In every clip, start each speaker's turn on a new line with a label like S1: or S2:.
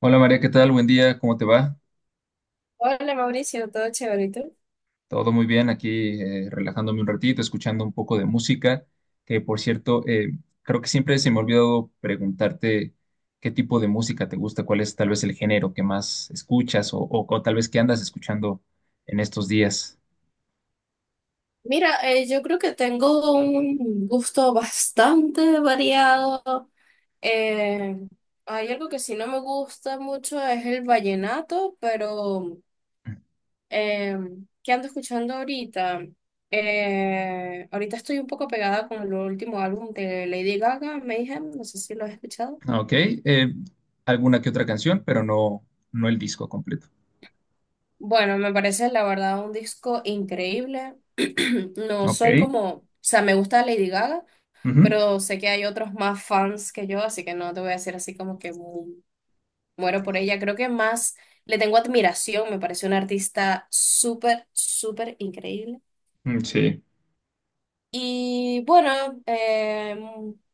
S1: Hola María, ¿qué tal? Buen día, ¿cómo te va?
S2: Hola Mauricio, todo chévere. ¿Y tú?
S1: Todo muy bien, aquí relajándome un ratito, escuchando un poco de música, que por cierto, creo que siempre se me ha olvidado preguntarte qué tipo de música te gusta, cuál es tal vez el género que más escuchas o tal vez qué andas escuchando en estos días.
S2: Mira, yo creo que tengo un gusto bastante variado. Eh, Hay algo que sí no me gusta mucho, es el vallenato, pero eh, ¿qué ando escuchando ahorita? Ahorita estoy un poco pegada con el último álbum de Lady Gaga, Mayhem, no sé si lo has escuchado.
S1: Ah, ok, alguna que otra canción, pero no, no el disco completo.
S2: Bueno, me parece la verdad un disco increíble. No
S1: Ok,
S2: soy como, o sea, me gusta Lady Gaga.
S1: ujú,
S2: Pero sé que hay otros más fans que yo, así que no te voy a decir así como que muero por ella. Creo que más le tengo admiración, me parece una artista súper, súper increíble.
S1: mm, sí.
S2: Y bueno, eh,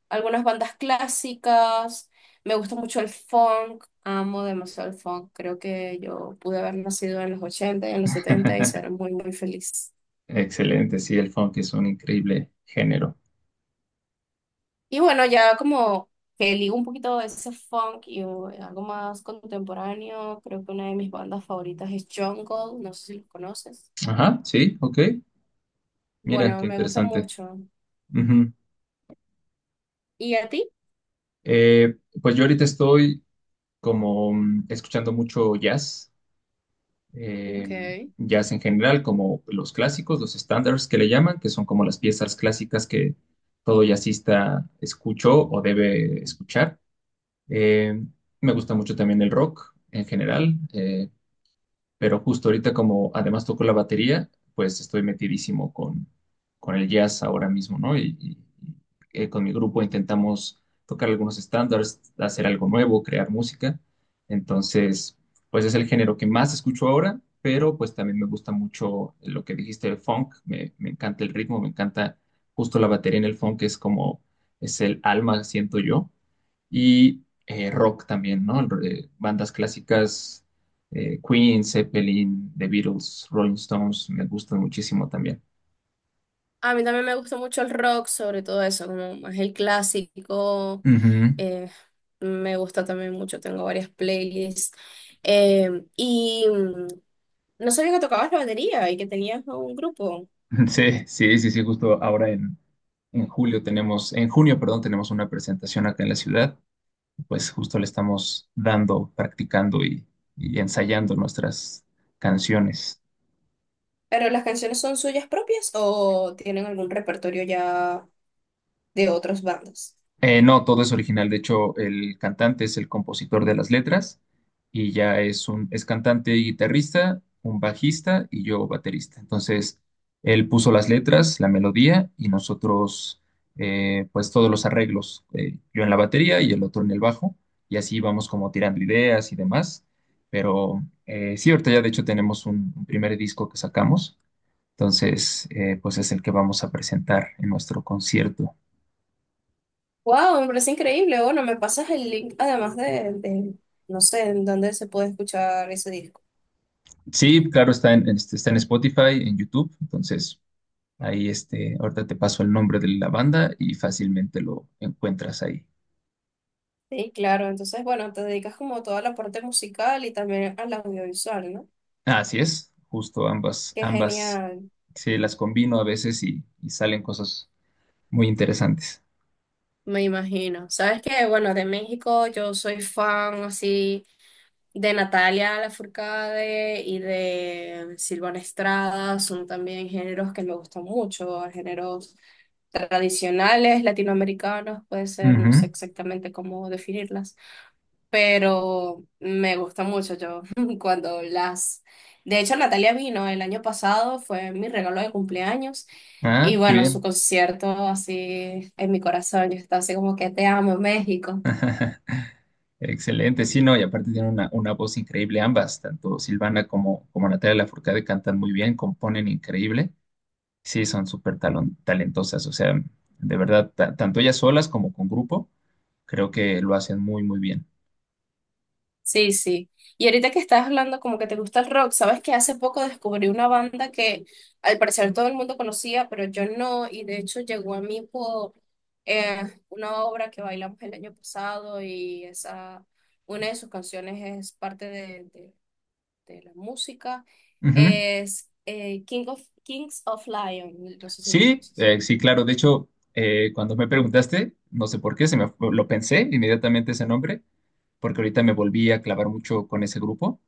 S2: algunas bandas clásicas, me gusta mucho el funk, amo demasiado el funk, creo que yo pude haber nacido en los 80 y en los 70 y ser muy, muy feliz.
S1: Excelente, sí, el funk es un increíble género.
S2: Y bueno, ya como que ligo un poquito de ese funk y algo más contemporáneo, creo que una de mis bandas favoritas es Jungle, no sé si los conoces.
S1: Ajá, sí, ok. Mira,
S2: Bueno,
S1: qué
S2: me gusta
S1: interesante.
S2: mucho.
S1: Ujú.
S2: ¿Y a ti?
S1: Eh, pues yo ahorita estoy escuchando mucho jazz, eh,
S2: Okay.
S1: jazz en general, como los clásicos, los standards que le llaman, que son como las piezas clásicas que todo jazzista escuchó o debe escuchar. Eh, Me gusta mucho también el rock en general. Pero justo ahorita como además toco la batería, pues estoy metidísimo con el jazz ahora mismo, ¿no? Y con mi grupo intentamos tocar algunos estándares, hacer algo nuevo, crear música. Entonces, pues es el género que más escucho ahora, pero pues también me gusta mucho lo que dijiste, el funk. Me encanta el ritmo, me encanta justo la batería en el funk, es como es el alma, siento yo y rock también, ¿no? Bandas clásicas, Queen, Zeppelin, The Beatles, Rolling Stones, me gustan muchísimo también.
S2: A mí también me gusta mucho el rock, sobre todo eso, como más el clásico.
S1: Ujú.
S2: eh, Me gusta también mucho, tengo varias playlists. Eh, y mm, no sabía que tocabas la batería y que tenías un grupo.
S1: Sí, sí, sí, sí, justo en julio tenemos, en junio, perdón, tenemos una presentación acá en la ciudad, pues justo le estamos dando, practicando y ensayando nuestras canciones.
S2: ¿Pero las canciones son suyas propias o tienen algún repertorio ya de otras bandas?
S1: No, todo es original. De hecho, el cantante es el compositor de las letras y ya es un es cantante y guitarrista, un bajista y yo baterista. Entonces, él puso las letras, la melodía y nosotros, pues todos los arreglos, yo en la batería y el otro en el bajo y así vamos como tirando ideas y demás. Pero sí, ahorita ya de hecho tenemos un primer disco que sacamos. Entonces, pues es el que vamos a presentar en nuestro concierto.
S2: ¡Wow! Me parece increíble. Bueno, me pasas el link además no sé, en dónde se puede escuchar ese disco.
S1: Sí, claro, está en Spotify, en YouTube, entonces ahorita te paso el nombre de la banda y fácilmente lo encuentras ahí.
S2: Sí, claro. Entonces, bueno, te dedicas como a toda la parte musical y también al audiovisual, ¿no?
S1: Ah, así es, justo ambas,
S2: Qué
S1: ambas,
S2: genial.
S1: se las combino a veces y salen cosas muy interesantes.
S2: Me imagino. ¿Sabes que bueno, de México yo soy fan así de Natalia Lafourcade y de Silvana Estrada? Son también géneros que me gustan mucho, géneros tradicionales latinoamericanos, puede ser, no
S1: Ujú.
S2: sé exactamente cómo definirlas, pero me gusta mucho yo cuando las... De hecho, Natalia vino el año pasado, fue mi regalo de cumpleaños. Y
S1: Ah, qué
S2: bueno, su
S1: bien.
S2: concierto así en mi corazón, yo estaba así como que te amo, México.
S1: Excelente, sí, no, y aparte tienen una voz increíble ambas, tanto Silvana como, como Natalia Lafourcade cantan muy bien, componen increíble. Sí, son súper talentosas, o sea, de verdad, tanto ellas solas como con grupo, creo que lo hacen muy, muy bien.
S2: Sí, sí. Y ahorita que estás hablando como que te gusta el rock, sabes que hace poco descubrí una banda que al parecer todo el mundo conocía, pero yo no, y de hecho llegó a mí por eh, una obra que bailamos el año pasado y una de sus canciones es parte de la música,
S1: Ujú.
S2: es Kings of Lion, no sé si lo
S1: Sí,
S2: conoces.
S1: sí, claro, de hecho, cuando me preguntaste, no sé por qué, lo pensé inmediatamente ese nombre, porque ahorita me volví a clavar mucho con ese grupo.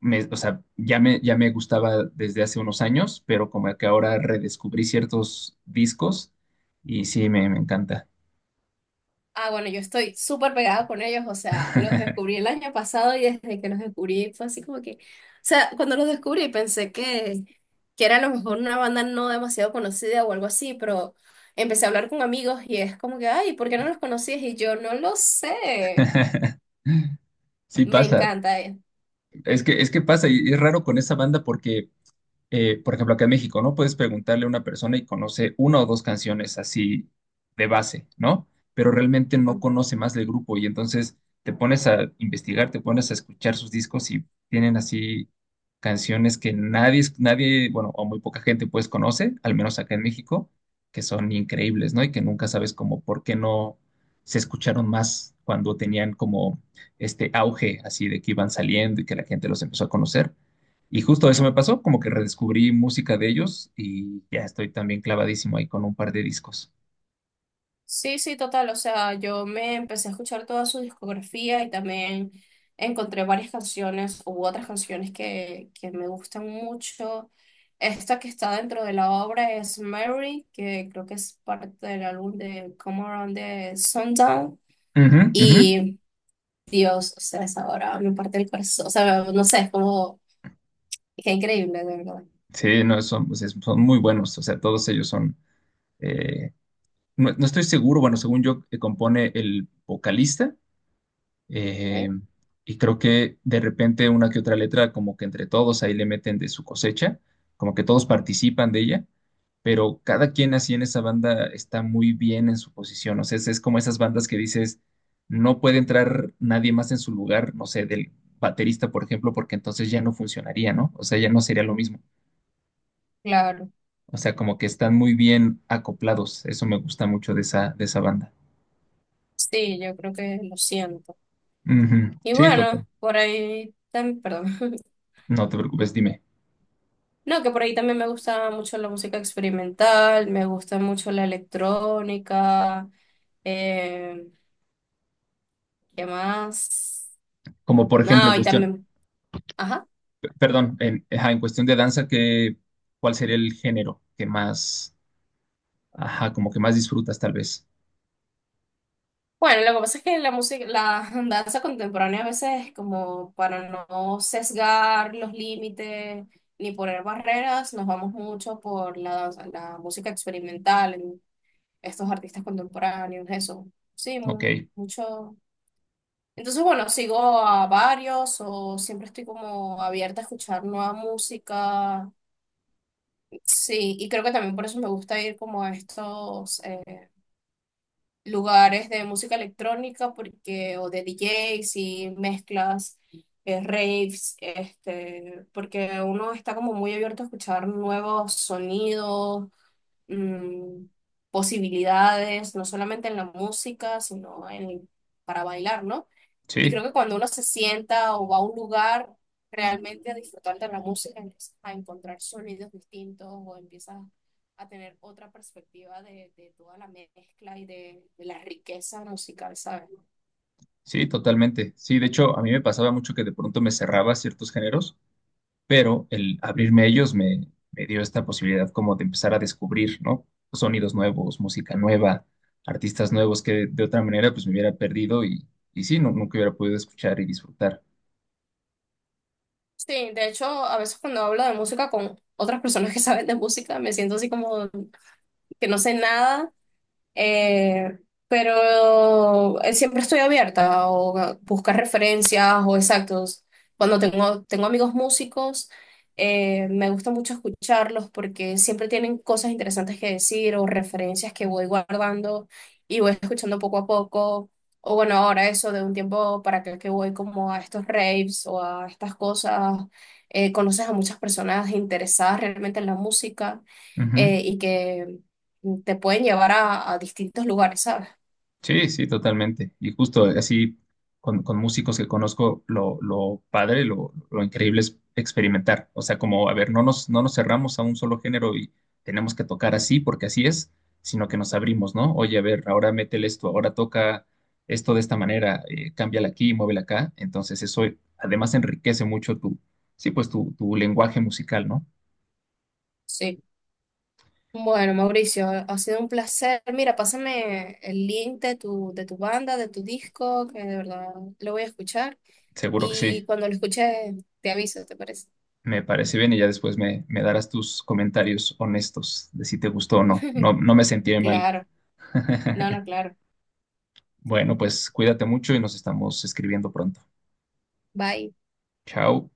S1: O sea, ya me gustaba desde hace unos años, pero como que ahora redescubrí ciertos discos y sí, me encanta.
S2: Ah, bueno, yo estoy súper pegada con ellos, o sea, los descubrí el año pasado y desde que los descubrí fue así como que, o sea, cuando los descubrí pensé que era a lo mejor una banda no demasiado conocida o algo así, pero empecé a hablar con amigos y es como que, ay, ¿por qué no los conocías? Y yo no lo sé,
S1: Sí
S2: me
S1: pasa.
S2: encanta.
S1: Es que pasa, y es raro con esa banda porque por ejemplo, acá en México, ¿no? Puedes preguntarle a una persona y conoce una o dos canciones así de base, ¿no? Pero realmente no conoce más del grupo y entonces te pones a investigar, te pones a escuchar sus discos y tienen así canciones que nadie, nadie, bueno, o muy poca gente pues conoce, al menos acá en México, que son increíbles, ¿no? Y que nunca sabes como por qué no se escucharon más cuando tenían como este auge así de que iban saliendo y que la gente los empezó a conocer y justo eso me pasó, como que redescubrí música de ellos y ya estoy también clavadísimo ahí con un par de discos.
S2: Sí, sí, total. O sea, yo me empecé a escuchar toda su discografía y también encontré varias canciones u otras canciones que me gustan mucho. Esta que está dentro de la obra es Mary, que creo que es parte del álbum de Come Around the Sundown.
S1: Ujú, ujú.
S2: Y Dios, o sea, esa obra me parte el corazón. O sea, no sé, es como, es increíble, de verdad.
S1: Sí, no, son muy buenos, o sea, todos ellos son... eh, no, no estoy seguro, bueno, según yo, compone el vocalista eh,
S2: ¿Eh?
S1: y creo que de repente una que otra letra, como que entre todos ahí le meten de su cosecha, como que todos participan de ella pero cada quien así en esa banda está muy bien en su posición. O sea, es como esas bandas que dices, no puede entrar nadie más en su lugar, no sé, del baterista, por ejemplo, porque entonces ya no funcionaría, ¿no? O sea, ya no sería lo mismo.
S2: Claro,
S1: O sea, como que están muy bien acoplados. Eso me gusta mucho de de esa banda.
S2: sí, yo creo que lo siento.
S1: Ujú.
S2: Y
S1: Sí, total.
S2: bueno, por ahí, también perdón.
S1: No te preocupes, dime.
S2: No, que por ahí también me gusta mucho la música experimental, me gusta mucho la electrónica, eh, ¿qué más?
S1: Como por ejemplo,
S2: No, y también, ajá.
S1: perdón, ajá, en cuestión de danza, ¿cuál sería el género que más, ajá, como que más disfrutas tal vez?
S2: Bueno, lo que pasa es que la música, la danza contemporánea a veces como para no sesgar los límites ni poner barreras, nos vamos mucho por la música experimental, en estos artistas contemporáneos, eso. Sí,
S1: Ok,
S2: mucho. Entonces, bueno, sigo a varios o siempre estoy como abierta a escuchar nueva música. Sí, y creo que también por eso me gusta ir como a estos lugares de música electrónica porque, o de DJs y mezclas, raves, este, porque uno está como muy abierto a escuchar nuevos sonidos, mm, posibilidades, no solamente en la música, para bailar, ¿no? Y
S1: sí.
S2: creo que cuando uno se sienta o va a un lugar realmente a disfrutar de la música, empiezas a encontrar sonidos distintos o empiezas a tener otra perspectiva de toda la mezcla y de la riqueza musical, ¿sabes?
S1: Sí, totalmente. Sí, de hecho, a mí me pasaba mucho que de pronto me cerraba a ciertos géneros, pero el abrirme a ellos me dio esta posibilidad como de empezar a descubrir, ¿no? Sonidos nuevos, música nueva, artistas nuevos que de otra manera pues me hubiera perdido y sí, no, nunca hubiera podido escuchar y disfrutar.
S2: Sí, de hecho, a veces cuando hablo de música con otras personas que saben de música, me siento así como que no sé nada. Eh, pero siempre estoy abierta o a buscar referencias o exactos. Cuando tengo amigos músicos, me gusta mucho escucharlos porque siempre tienen cosas interesantes que decir o referencias que voy guardando y voy escuchando poco a poco. O bueno, ahora eso de un tiempo para acá que voy como a estos raves o a estas cosas, conoces a muchas personas interesadas realmente en la música
S1: Ujú.
S2: y que te pueden llevar a distintos lugares, ¿sabes?
S1: Sí, sí, totalmente. Y justo así, con músicos que conozco, lo padre, lo increíble es experimentar. O sea, como, a ver, no nos cerramos a un solo género y tenemos que tocar así porque así es, sino que nos abrimos, ¿no? Oye, a ver, ahora métele esto, ahora toca esto de esta manera, cámbiala aquí, muévela acá. Entonces eso además enriquece mucho tu, sí, pues tu lenguaje musical, ¿no?
S2: Sí. Bueno, Mauricio, ha sido un placer. Mira, pásame el link de tu banda, de tu disco, que de verdad lo voy a escuchar.
S1: Seguro que
S2: Y
S1: sí.
S2: cuando lo escuche, te aviso, ¿te parece?
S1: Me parece bien y ya después me darás tus comentarios honestos de si te gustó o no. No, no me sentiré mal.
S2: Claro, no, no, claro.
S1: Bueno, pues cuídate mucho y nos estamos escribiendo pronto.
S2: Bye.
S1: Chao.